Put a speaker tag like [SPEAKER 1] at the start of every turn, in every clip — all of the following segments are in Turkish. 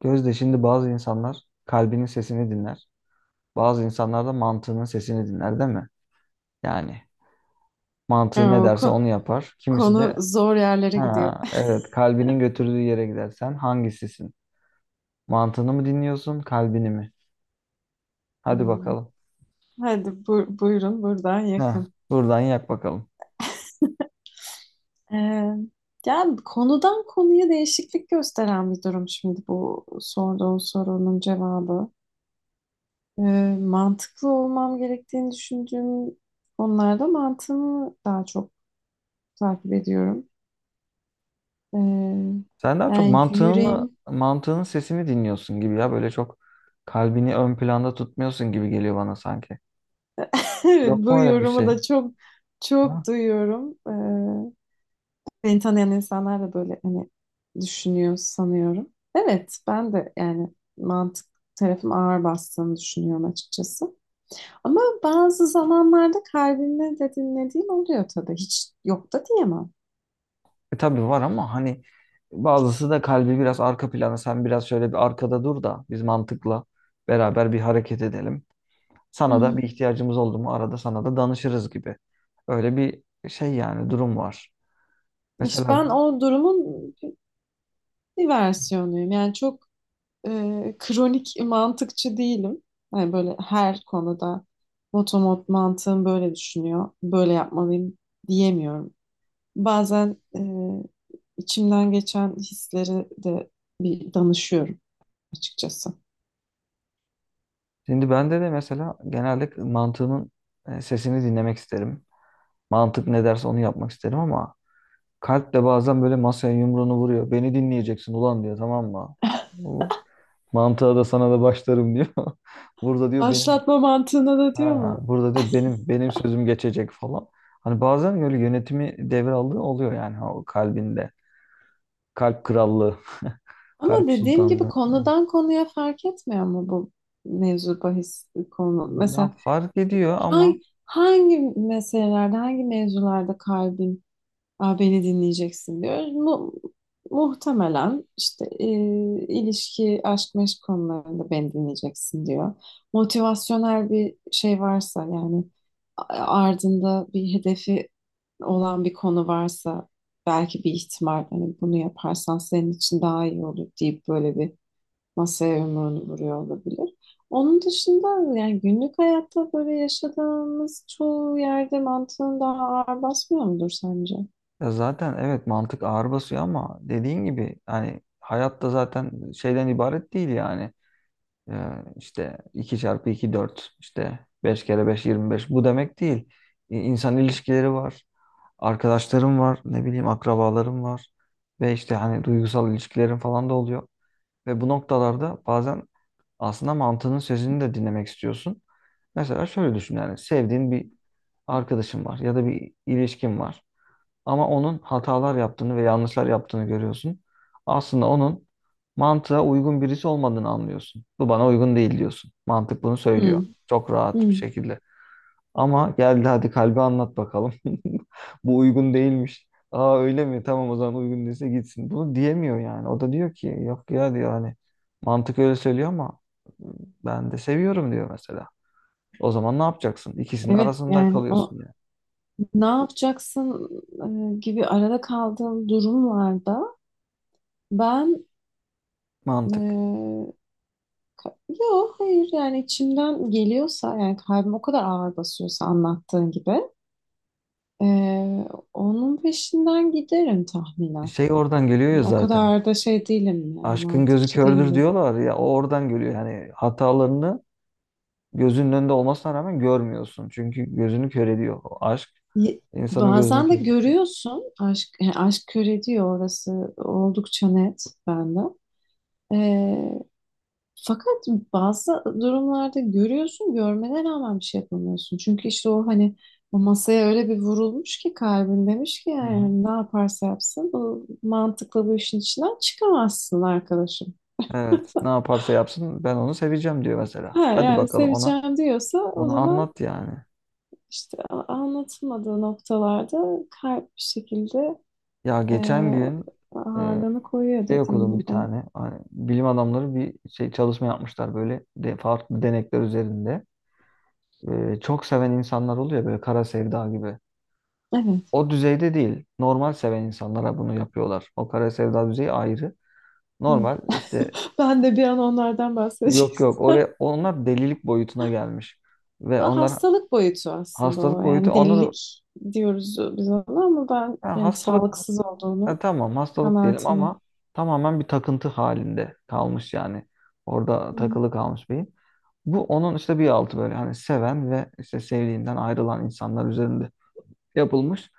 [SPEAKER 1] Gözde şimdi bazı insanlar kalbinin sesini dinler. Bazı insanlar da mantığının sesini dinler, değil mi? Yani mantığı ne
[SPEAKER 2] Aa, O
[SPEAKER 1] derse
[SPEAKER 2] ko-
[SPEAKER 1] onu yapar. Kimisi
[SPEAKER 2] konu
[SPEAKER 1] de
[SPEAKER 2] zor yerlere gidiyor.
[SPEAKER 1] ha, evet, kalbinin götürdüğü yere gidersen hangisisin? Mantığını mı dinliyorsun, kalbini mi? Hadi
[SPEAKER 2] Hmm.
[SPEAKER 1] bakalım.
[SPEAKER 2] Hadi buyurun buradan
[SPEAKER 1] Ha,
[SPEAKER 2] yakın.
[SPEAKER 1] buradan yak bakalım.
[SPEAKER 2] Ee, Yani konudan konuya değişiklik gösteren bir durum şimdi bu sorduğun sorunun cevabı. Ee, Mantıklı olmam gerektiğini düşündüğüm konularda mantığımı daha çok takip ediyorum. Ee,
[SPEAKER 1] Sen daha çok
[SPEAKER 2] Yani
[SPEAKER 1] mantığını,
[SPEAKER 2] yüreğim.
[SPEAKER 1] mantığının sesini dinliyorsun gibi ya. Böyle çok kalbini ön planda tutmuyorsun gibi geliyor bana sanki. Yok
[SPEAKER 2] Bu
[SPEAKER 1] mu öyle bir
[SPEAKER 2] yorumu
[SPEAKER 1] şey?
[SPEAKER 2] da çok duyuyorum. Beni tanıyan insanlar da böyle hani düşünüyor sanıyorum. Evet, ben de yani mantık tarafım ağır bastığını düşünüyorum açıkçası. Ama bazı zamanlarda kalbimle de dinlediğim oluyor tabii. Hiç yok da diyemem.
[SPEAKER 1] E, tabii var, ama hani bazısı da kalbi biraz arka plana, sen biraz şöyle bir arkada dur da biz mantıkla beraber bir hareket edelim.
[SPEAKER 2] Hı
[SPEAKER 1] Sana da
[SPEAKER 2] hı.
[SPEAKER 1] bir ihtiyacımız oldu mu arada sana da danışırız gibi. Öyle bir şey yani, durum var.
[SPEAKER 2] İşte
[SPEAKER 1] Mesela
[SPEAKER 2] ben o durumun bir versiyonuyum. Yani çok kronik mantıkçı değilim. Yani böyle her konuda motomot mantığım böyle düşünüyor, böyle yapmalıyım diyemiyorum. Bazen İçimden geçen hisleri de bir danışıyorum açıkçası.
[SPEAKER 1] şimdi bende de mesela genelde mantığımın sesini dinlemek isterim. Mantık ne derse onu yapmak isterim, ama kalp de bazen böyle masaya yumruğunu vuruyor. Beni dinleyeceksin ulan diyor, tamam mı? Bu mantığa da sana da başlarım diyor. Burada diyor benim.
[SPEAKER 2] Başlatma mantığına da diyor
[SPEAKER 1] Ha,
[SPEAKER 2] mu?
[SPEAKER 1] burada diyor benim sözüm geçecek falan. Hani bazen böyle yönetimi devraldığı oluyor yani o kalbinde. Kalp krallığı,
[SPEAKER 2] Ama
[SPEAKER 1] kalp
[SPEAKER 2] dediğim gibi
[SPEAKER 1] sultanlığı.
[SPEAKER 2] konudan konuya fark etmiyor mu bu mevzu bahis konu?
[SPEAKER 1] Ya
[SPEAKER 2] Mesela
[SPEAKER 1] fark ediyor, ama
[SPEAKER 2] hangi meselelerde, hangi mevzularda kalbin, beni dinleyeceksin diyor. Muhtemelen işte ilişki, aşk, meşk konularında beni dinleyeceksin diyor. Motivasyonel bir şey varsa, yani ardında bir hedefi olan bir konu varsa, belki bir ihtimal hani bunu yaparsan senin için daha iyi olur deyip böyle bir masaya yumruğunu vuruyor olabilir. Onun dışında yani günlük hayatta böyle yaşadığımız çoğu yerde mantığın daha ağır basmıyor mudur sence?
[SPEAKER 1] ya zaten evet, mantık ağır basıyor, ama dediğin gibi hani hayatta zaten şeyden ibaret değil yani. Ee, işte 2 çarpı 2 4, işte 5 kere beş yirmi beş. Bu demek değil. İnsan ilişkileri var. Arkadaşlarım var, ne bileyim, akrabalarım var ve işte hani duygusal ilişkilerim falan da oluyor. Ve bu noktalarda bazen aslında mantığının sözünü de dinlemek istiyorsun. Mesela şöyle düşün, yani sevdiğin bir arkadaşın var ya da bir ilişkin var. Ama onun hatalar yaptığını ve yanlışlar yaptığını görüyorsun. Aslında onun mantığa uygun birisi olmadığını anlıyorsun. Bu bana uygun değil diyorsun. Mantık bunu söylüyor.
[SPEAKER 2] Hmm.
[SPEAKER 1] Çok rahat bir
[SPEAKER 2] Hı,
[SPEAKER 1] şekilde. Ama geldi, hadi kalbi anlat bakalım. Bu uygun değilmiş. Aa, öyle mi? Tamam, o zaman uygun değilse gitsin. Bunu diyemiyor yani. O da diyor ki yok ya diyor, hani mantık öyle söylüyor ama ben de seviyorum diyor mesela. O zaman ne yapacaksın? İkisinin
[SPEAKER 2] evet.
[SPEAKER 1] arasında
[SPEAKER 2] Yani o
[SPEAKER 1] kalıyorsun yani.
[SPEAKER 2] ne yapacaksın, gibi arada kaldığım durumlarda ben,
[SPEAKER 1] Mantık.
[SPEAKER 2] e, yo hayır, yani içimden geliyorsa, yani kalbim o kadar ağır basıyorsa anlattığın gibi, e, onun peşinden giderim tahminen.
[SPEAKER 1] Şey oradan geliyor ya
[SPEAKER 2] Yani o
[SPEAKER 1] zaten.
[SPEAKER 2] kadar da şey değilim, yani
[SPEAKER 1] Aşkın gözü
[SPEAKER 2] mantıkçı değilim
[SPEAKER 1] kördür
[SPEAKER 2] dedim.
[SPEAKER 1] diyorlar ya, o oradan görüyor. Yani hatalarını gözünün önünde olmasına rağmen görmüyorsun. Çünkü gözünü kör ediyor. O aşk
[SPEAKER 2] Ye-
[SPEAKER 1] insanın gözünü
[SPEAKER 2] Bazen de
[SPEAKER 1] kör.
[SPEAKER 2] görüyorsun aşk, yani aşk kör ediyor, orası oldukça net bende. E, Fakat bazı durumlarda görüyorsun, görmene rağmen bir şey yapamıyorsun. Çünkü işte o hani o masaya öyle bir vurulmuş ki kalbin demiş ki
[SPEAKER 1] Hı
[SPEAKER 2] yani
[SPEAKER 1] hı.
[SPEAKER 2] hani ne yaparsa yapsın bu mantıkla bu işin içinden çıkamazsın arkadaşım.
[SPEAKER 1] Evet, ne yaparsa yapsın ben onu seveceğim diyor mesela.
[SPEAKER 2] Ha
[SPEAKER 1] Hadi
[SPEAKER 2] yani
[SPEAKER 1] bakalım, ona
[SPEAKER 2] seveceğim diyorsa o
[SPEAKER 1] onu
[SPEAKER 2] zaman
[SPEAKER 1] anlat yani.
[SPEAKER 2] işte anlatılmadığı noktalarda kalp bir şekilde,
[SPEAKER 1] Ya
[SPEAKER 2] e,
[SPEAKER 1] geçen gün e,
[SPEAKER 2] ağırlığını koyuyor
[SPEAKER 1] şey
[SPEAKER 2] dediğin
[SPEAKER 1] okudum bir
[SPEAKER 2] gibi.
[SPEAKER 1] tane. Hani bilim adamları bir şey, çalışma yapmışlar böyle de, farklı denekler üzerinde. E, çok seven insanlar oluyor böyle kara sevda gibi.
[SPEAKER 2] Evet.
[SPEAKER 1] O düzeyde değil. Normal seven insanlara bunu yapıyorlar. O kara sevda düzeyi ayrı.
[SPEAKER 2] Hı.
[SPEAKER 1] Normal işte,
[SPEAKER 2] Ben de bir an onlardan bahsedeceğim.
[SPEAKER 1] yok yok, oraya onlar delilik boyutuna gelmiş. Ve
[SPEAKER 2] Ama
[SPEAKER 1] onlar
[SPEAKER 2] hastalık boyutu aslında o.
[SPEAKER 1] hastalık boyutu
[SPEAKER 2] Yani
[SPEAKER 1] onlar,
[SPEAKER 2] delilik diyoruz biz ona ama ben
[SPEAKER 1] ha,
[SPEAKER 2] yani
[SPEAKER 1] hastalık,
[SPEAKER 2] sağlıksız
[SPEAKER 1] ha,
[SPEAKER 2] olduğunu
[SPEAKER 1] tamam hastalık diyelim
[SPEAKER 2] kanaatindeyim.
[SPEAKER 1] ama tamamen bir takıntı halinde kalmış yani. Orada
[SPEAKER 2] Hı hı.
[SPEAKER 1] takılı kalmış beyin. Bu onun işte bir altı böyle hani seven ve işte sevdiğinden ayrılan insanlar üzerinde yapılmış.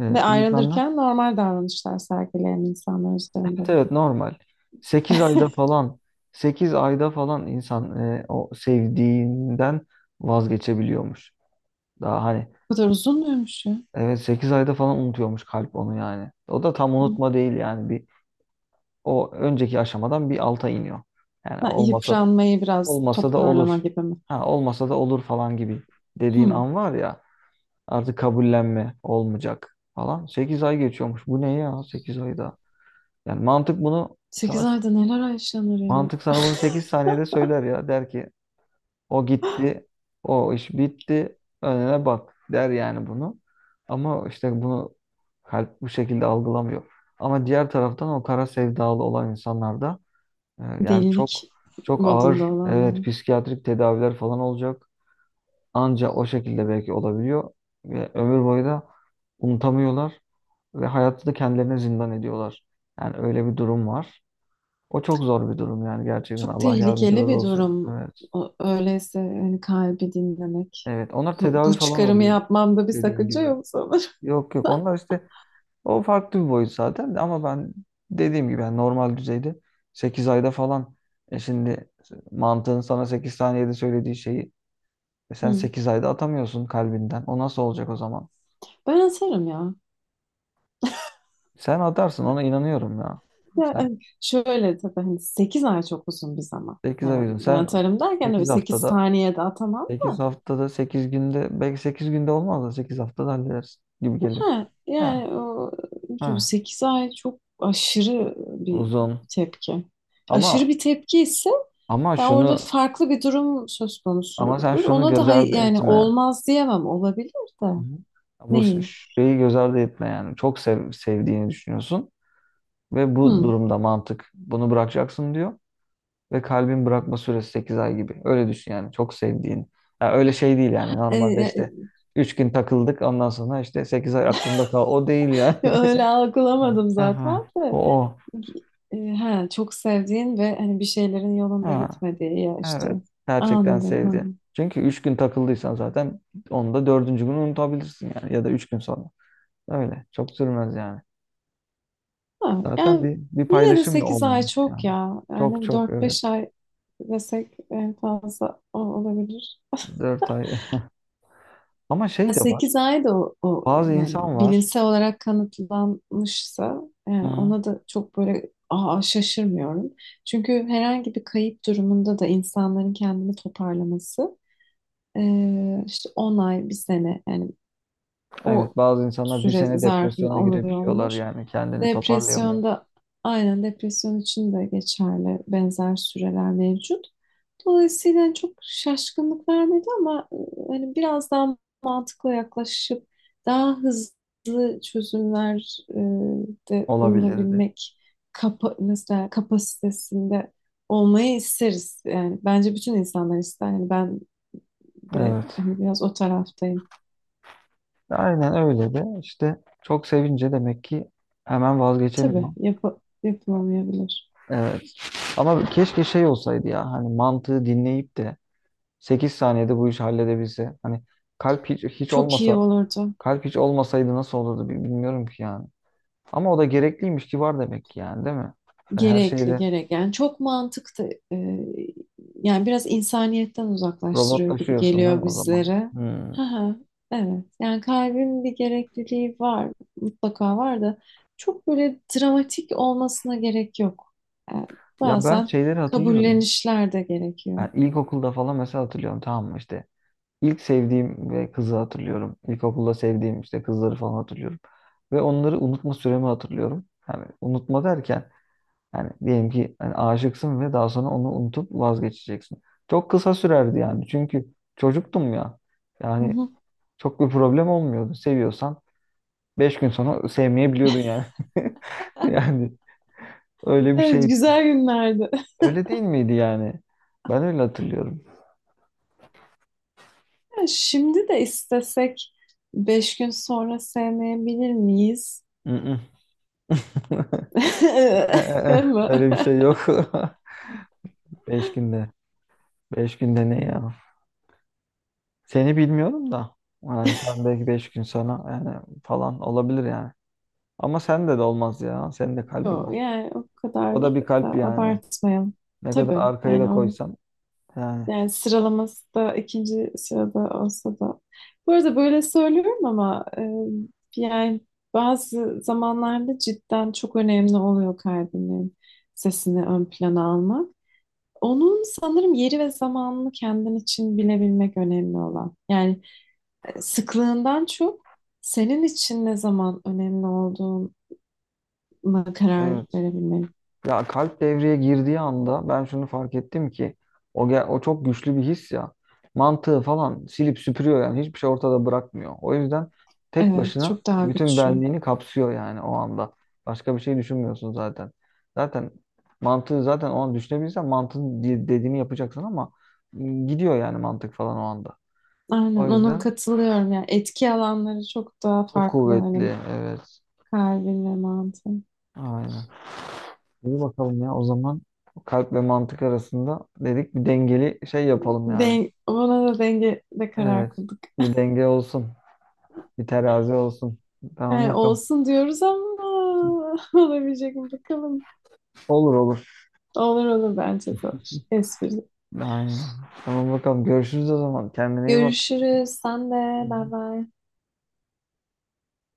[SPEAKER 2] Ve
[SPEAKER 1] İnsanlar
[SPEAKER 2] ayrılırken normal davranışlar sergileyen insanlar üzerinde.
[SPEAKER 1] evet evet, normal. 8 ayda falan 8 ayda falan insan o sevdiğinden vazgeçebiliyormuş. Daha hani
[SPEAKER 2] Bu kadar uzun muymuş ya?
[SPEAKER 1] evet, 8 ayda falan unutuyormuş kalp onu yani. O da tam
[SPEAKER 2] Hı.
[SPEAKER 1] unutma değil yani bir, o önceki aşamadan bir alta iniyor. Yani
[SPEAKER 2] Ha, yıpranmayı biraz
[SPEAKER 1] olmasa da
[SPEAKER 2] toparlama
[SPEAKER 1] olur.
[SPEAKER 2] gibi mi?
[SPEAKER 1] Ha, olmasa da olur falan gibi dediğin
[SPEAKER 2] Hı.
[SPEAKER 1] an var ya, artık kabullenme olmayacak falan. Sekiz ay geçiyormuş. Bu ne ya 8 ayda? Yani mantık bunu
[SPEAKER 2] 8
[SPEAKER 1] sana
[SPEAKER 2] ayda neler yaşanır ya?
[SPEAKER 1] Mantık sana bunu 8 saniyede söyler ya. Der ki o gitti, o iş bitti, önüne bak der yani bunu. Ama işte bunu kalp bu şekilde algılamıyor. Ama diğer taraftan o kara sevdalı olan insanlarda
[SPEAKER 2] Delilik
[SPEAKER 1] çok çok
[SPEAKER 2] modunda
[SPEAKER 1] ağır, evet,
[SPEAKER 2] olanlar.
[SPEAKER 1] psikiyatrik tedaviler falan olacak. Anca o şekilde belki olabiliyor ve ömür boyu da unutamıyorlar ve hayatı da kendilerine zindan ediyorlar. Yani öyle bir durum var. O çok zor bir durum yani, gerçekten.
[SPEAKER 2] Çok
[SPEAKER 1] Allah
[SPEAKER 2] tehlikeli
[SPEAKER 1] yardımcıları
[SPEAKER 2] bir
[SPEAKER 1] olsun.
[SPEAKER 2] durum.
[SPEAKER 1] Evet.
[SPEAKER 2] Öyleyse hani kalbi dinlemek.
[SPEAKER 1] Evet. Onlar
[SPEAKER 2] Bu,
[SPEAKER 1] tedavi
[SPEAKER 2] bu
[SPEAKER 1] falan
[SPEAKER 2] çıkarımı
[SPEAKER 1] oluyor
[SPEAKER 2] yapmamda bir
[SPEAKER 1] dediğin
[SPEAKER 2] sakınca
[SPEAKER 1] gibi.
[SPEAKER 2] yok sana.
[SPEAKER 1] Yok yok. Onlar işte o farklı bir boyut zaten de, ama ben dediğim gibi yani normal düzeyde sekiz ayda falan, şimdi mantığın sana 8 saniyede söylediği şeyi sen
[SPEAKER 2] Hı.
[SPEAKER 1] 8 ayda atamıyorsun kalbinden. O nasıl olacak o zaman?
[SPEAKER 2] Ben atarım ya.
[SPEAKER 1] Sen atarsın, ona inanıyorum ya.
[SPEAKER 2] Ya,
[SPEAKER 1] Sen
[SPEAKER 2] hani şöyle tabii, hani 8 ay çok uzun bir zaman.
[SPEAKER 1] 8 ay
[SPEAKER 2] Yani
[SPEAKER 1] diyorsun.
[SPEAKER 2] ben
[SPEAKER 1] Sen
[SPEAKER 2] atarım derken öyle
[SPEAKER 1] 8
[SPEAKER 2] 8
[SPEAKER 1] haftada
[SPEAKER 2] saniyede atamam.
[SPEAKER 1] 8 haftada 8 günde olmaz da 8 haftada hallederiz gibi geliyor.
[SPEAKER 2] Ha, yani
[SPEAKER 1] Ha,
[SPEAKER 2] o
[SPEAKER 1] ha,
[SPEAKER 2] 8 ay çok aşırı bir
[SPEAKER 1] Uzun.
[SPEAKER 2] tepki. Aşırı
[SPEAKER 1] Ama
[SPEAKER 2] bir tepki ise
[SPEAKER 1] ama
[SPEAKER 2] ya orada
[SPEAKER 1] şunu
[SPEAKER 2] farklı bir durum söz
[SPEAKER 1] Ama sen
[SPEAKER 2] konusudur.
[SPEAKER 1] şunu
[SPEAKER 2] Ona da
[SPEAKER 1] göz ardı
[SPEAKER 2] yani
[SPEAKER 1] etme.
[SPEAKER 2] olmaz diyemem, olabilir de.
[SPEAKER 1] Hı hı. Bu
[SPEAKER 2] Neyi?
[SPEAKER 1] şeyi göz ardı etme yani. Sevdiğini düşünüyorsun ve bu
[SPEAKER 2] Hı.
[SPEAKER 1] durumda mantık bunu bırakacaksın diyor ve kalbin bırakma süresi 8 ay gibi. Öyle düşün yani çok sevdiğini. Ya öyle şey değil yani, normalde
[SPEAKER 2] E,
[SPEAKER 1] işte 3 gün takıldık, ondan sonra işte 8 ay aklımda kal. O değil yani.
[SPEAKER 2] öyle algılamadım
[SPEAKER 1] Aha.
[SPEAKER 2] zaten
[SPEAKER 1] O
[SPEAKER 2] de.
[SPEAKER 1] o.
[SPEAKER 2] Çok sevdiğin ve hani bir şeylerin yolunda
[SPEAKER 1] Ha,
[SPEAKER 2] gitmediği ya işte.
[SPEAKER 1] evet. Gerçekten
[SPEAKER 2] Anladım. Ha.
[SPEAKER 1] sevdi. Çünkü üç gün takıldıysan zaten onu da dördüncü gün unutabilirsin yani. Ya da üç gün sonra. Öyle. Çok sürmez yani.
[SPEAKER 2] Ha,
[SPEAKER 1] Zaten
[SPEAKER 2] yani
[SPEAKER 1] bir
[SPEAKER 2] yine de
[SPEAKER 1] paylaşım da
[SPEAKER 2] 8 ay
[SPEAKER 1] olmamış
[SPEAKER 2] çok
[SPEAKER 1] yani.
[SPEAKER 2] ya.
[SPEAKER 1] Çok
[SPEAKER 2] Yani
[SPEAKER 1] çok
[SPEAKER 2] dört
[SPEAKER 1] evet.
[SPEAKER 2] beş ay desek en fazla olabilir.
[SPEAKER 1] Dört ay. Ama şey
[SPEAKER 2] Yani
[SPEAKER 1] de var.
[SPEAKER 2] 8 ay da o
[SPEAKER 1] Bazı
[SPEAKER 2] yani
[SPEAKER 1] insan var.
[SPEAKER 2] bilimsel olarak kanıtlanmışsa,
[SPEAKER 1] Hı
[SPEAKER 2] yani
[SPEAKER 1] hı.
[SPEAKER 2] ona da çok böyle şaşırmıyorum. Çünkü herhangi bir kayıp durumunda da insanların kendini toparlaması, işte 10 ay, bir sene, yani o
[SPEAKER 1] Evet, bazı insanlar bir
[SPEAKER 2] süre
[SPEAKER 1] sene
[SPEAKER 2] zarfında
[SPEAKER 1] depresyona girebiliyorlar
[SPEAKER 2] oluyormuş.
[SPEAKER 1] yani. Kendini toparlayamıyor.
[SPEAKER 2] Depresyonda, aynen depresyon için de geçerli benzer süreler mevcut. Dolayısıyla çok şaşkınlık vermedi ama hani biraz daha mantıklı yaklaşıp daha hızlı çözümler, de
[SPEAKER 1] Olabilirdi.
[SPEAKER 2] bulunabilmek mesela kapasitesinde olmayı isteriz. Yani bence bütün insanlar ister. Yani ben de
[SPEAKER 1] Evet.
[SPEAKER 2] hani biraz o taraftayım.
[SPEAKER 1] Aynen öyle de işte çok sevince demek ki hemen
[SPEAKER 2] Tabii
[SPEAKER 1] vazgeçemiyor.
[SPEAKER 2] yapılamayabilir.
[SPEAKER 1] Evet. Ama keşke şey olsaydı ya, hani mantığı dinleyip de 8 saniyede bu işi halledebilse. Hani kalp hiç, hiç
[SPEAKER 2] Çok iyi
[SPEAKER 1] olmasa
[SPEAKER 2] olurdu.
[SPEAKER 1] kalp hiç olmasaydı nasıl olurdu, bilmiyorum ki yani. Ama o da gerekliymiş ki var demek ki yani, değil mi? Yani her
[SPEAKER 2] Gerekli,
[SPEAKER 1] şeyde
[SPEAKER 2] gereken. Yani çok mantıklı. Yani biraz insaniyetten uzaklaştırıyor gibi
[SPEAKER 1] robotlaşıyorsun değil mi
[SPEAKER 2] geliyor
[SPEAKER 1] o zaman?
[SPEAKER 2] bizlere.
[SPEAKER 1] Hmm.
[SPEAKER 2] Hı hı, evet. Yani kalbin bir gerekliliği var. Mutlaka var da çok böyle dramatik olmasına gerek yok. Yani
[SPEAKER 1] Ya ben
[SPEAKER 2] bazen
[SPEAKER 1] şeyleri hatırlıyorum.
[SPEAKER 2] kabullenişler de gerekiyor.
[SPEAKER 1] Yani ilkokulda falan mesela hatırlıyorum, tamam mı işte. İlk sevdiğim ve kızı hatırlıyorum. İlkokulda sevdiğim işte kızları falan hatırlıyorum. Ve onları unutma süremi hatırlıyorum. Yani unutma derken, yani diyelim ki hani aşıksın ve daha sonra onu unutup vazgeçeceksin. Çok kısa sürerdi yani. Çünkü çocuktum ya.
[SPEAKER 2] Hı
[SPEAKER 1] Yani
[SPEAKER 2] hı.
[SPEAKER 1] çok bir problem olmuyordu. Seviyorsan 5 gün sonra sevmeyebiliyordun yani. Yani öyle bir
[SPEAKER 2] Evet,
[SPEAKER 1] şeydi.
[SPEAKER 2] güzel günlerdi.
[SPEAKER 1] Öyle değil miydi yani? Ben öyle hatırlıyorum.
[SPEAKER 2] Şimdi de istesek 5 gün sonra sevmeyebilir miyiz?
[SPEAKER 1] Mm-mm. E, e, e.
[SPEAKER 2] Ama
[SPEAKER 1] Öyle bir şey yok. 5 günde. 5 günde ne ya? Seni bilmiyorum da. Yani sen belki 5 gün sonra yani falan olabilir yani. Ama sende de olmaz ya. Senin de kalbin
[SPEAKER 2] yok,
[SPEAKER 1] var.
[SPEAKER 2] yani o
[SPEAKER 1] O
[SPEAKER 2] kadar
[SPEAKER 1] da bir
[SPEAKER 2] da
[SPEAKER 1] kalp yani.
[SPEAKER 2] abartmayalım.
[SPEAKER 1] Ne kadar
[SPEAKER 2] Tabii
[SPEAKER 1] arkaya da
[SPEAKER 2] yani onu,
[SPEAKER 1] koysan. Yani
[SPEAKER 2] yani sıralaması da ikinci sırada olsa da. Bu arada böyle söylüyorum ama yani bazı zamanlarda cidden çok önemli oluyor kalbinin sesini ön plana almak. Onun sanırım yeri ve zamanını kendin için bilebilmek önemli olan. Yani sıklığından çok senin için ne zaman önemli olduğuna karar
[SPEAKER 1] evet.
[SPEAKER 2] verebilmek.
[SPEAKER 1] Ya kalp devreye girdiği anda ben şunu fark ettim ki o çok güçlü bir his ya. Mantığı falan silip süpürüyor yani. Hiçbir şey ortada bırakmıyor. O yüzden tek
[SPEAKER 2] Evet,
[SPEAKER 1] başına
[SPEAKER 2] çok daha
[SPEAKER 1] bütün
[SPEAKER 2] güçlü.
[SPEAKER 1] benliğini kapsıyor yani o anda. Başka bir şey düşünmüyorsun zaten. Zaten mantığı zaten O an düşünebilirsen mantığın dediğini yapacaksın, ama gidiyor yani mantık falan o anda. O
[SPEAKER 2] Aynen ona
[SPEAKER 1] yüzden
[SPEAKER 2] katılıyorum. Yani etki alanları çok daha
[SPEAKER 1] çok
[SPEAKER 2] farklı
[SPEAKER 1] kuvvetli,
[SPEAKER 2] hani
[SPEAKER 1] evet.
[SPEAKER 2] kalbin ve mantığın.
[SPEAKER 1] Aynen. İyi bakalım ya, o zaman kalp ve mantık arasında dedik, bir dengeli şey yapalım yani.
[SPEAKER 2] Den ona da dengede karar
[SPEAKER 1] Evet.
[SPEAKER 2] kıldık.
[SPEAKER 1] Bir denge olsun. Bir terazi olsun. Tamam
[SPEAKER 2] Yani
[SPEAKER 1] bakalım.
[SPEAKER 2] olsun diyoruz ama olabilecek mi bakalım.
[SPEAKER 1] Olur olur.
[SPEAKER 2] Olur olur, bence de olur. Espri.
[SPEAKER 1] Aynen. Tamam bakalım. Görüşürüz o zaman. Kendine iyi bak.
[SPEAKER 2] Görüşürüz. Sen
[SPEAKER 1] Hı
[SPEAKER 2] de. Bay
[SPEAKER 1] hı.
[SPEAKER 2] bay.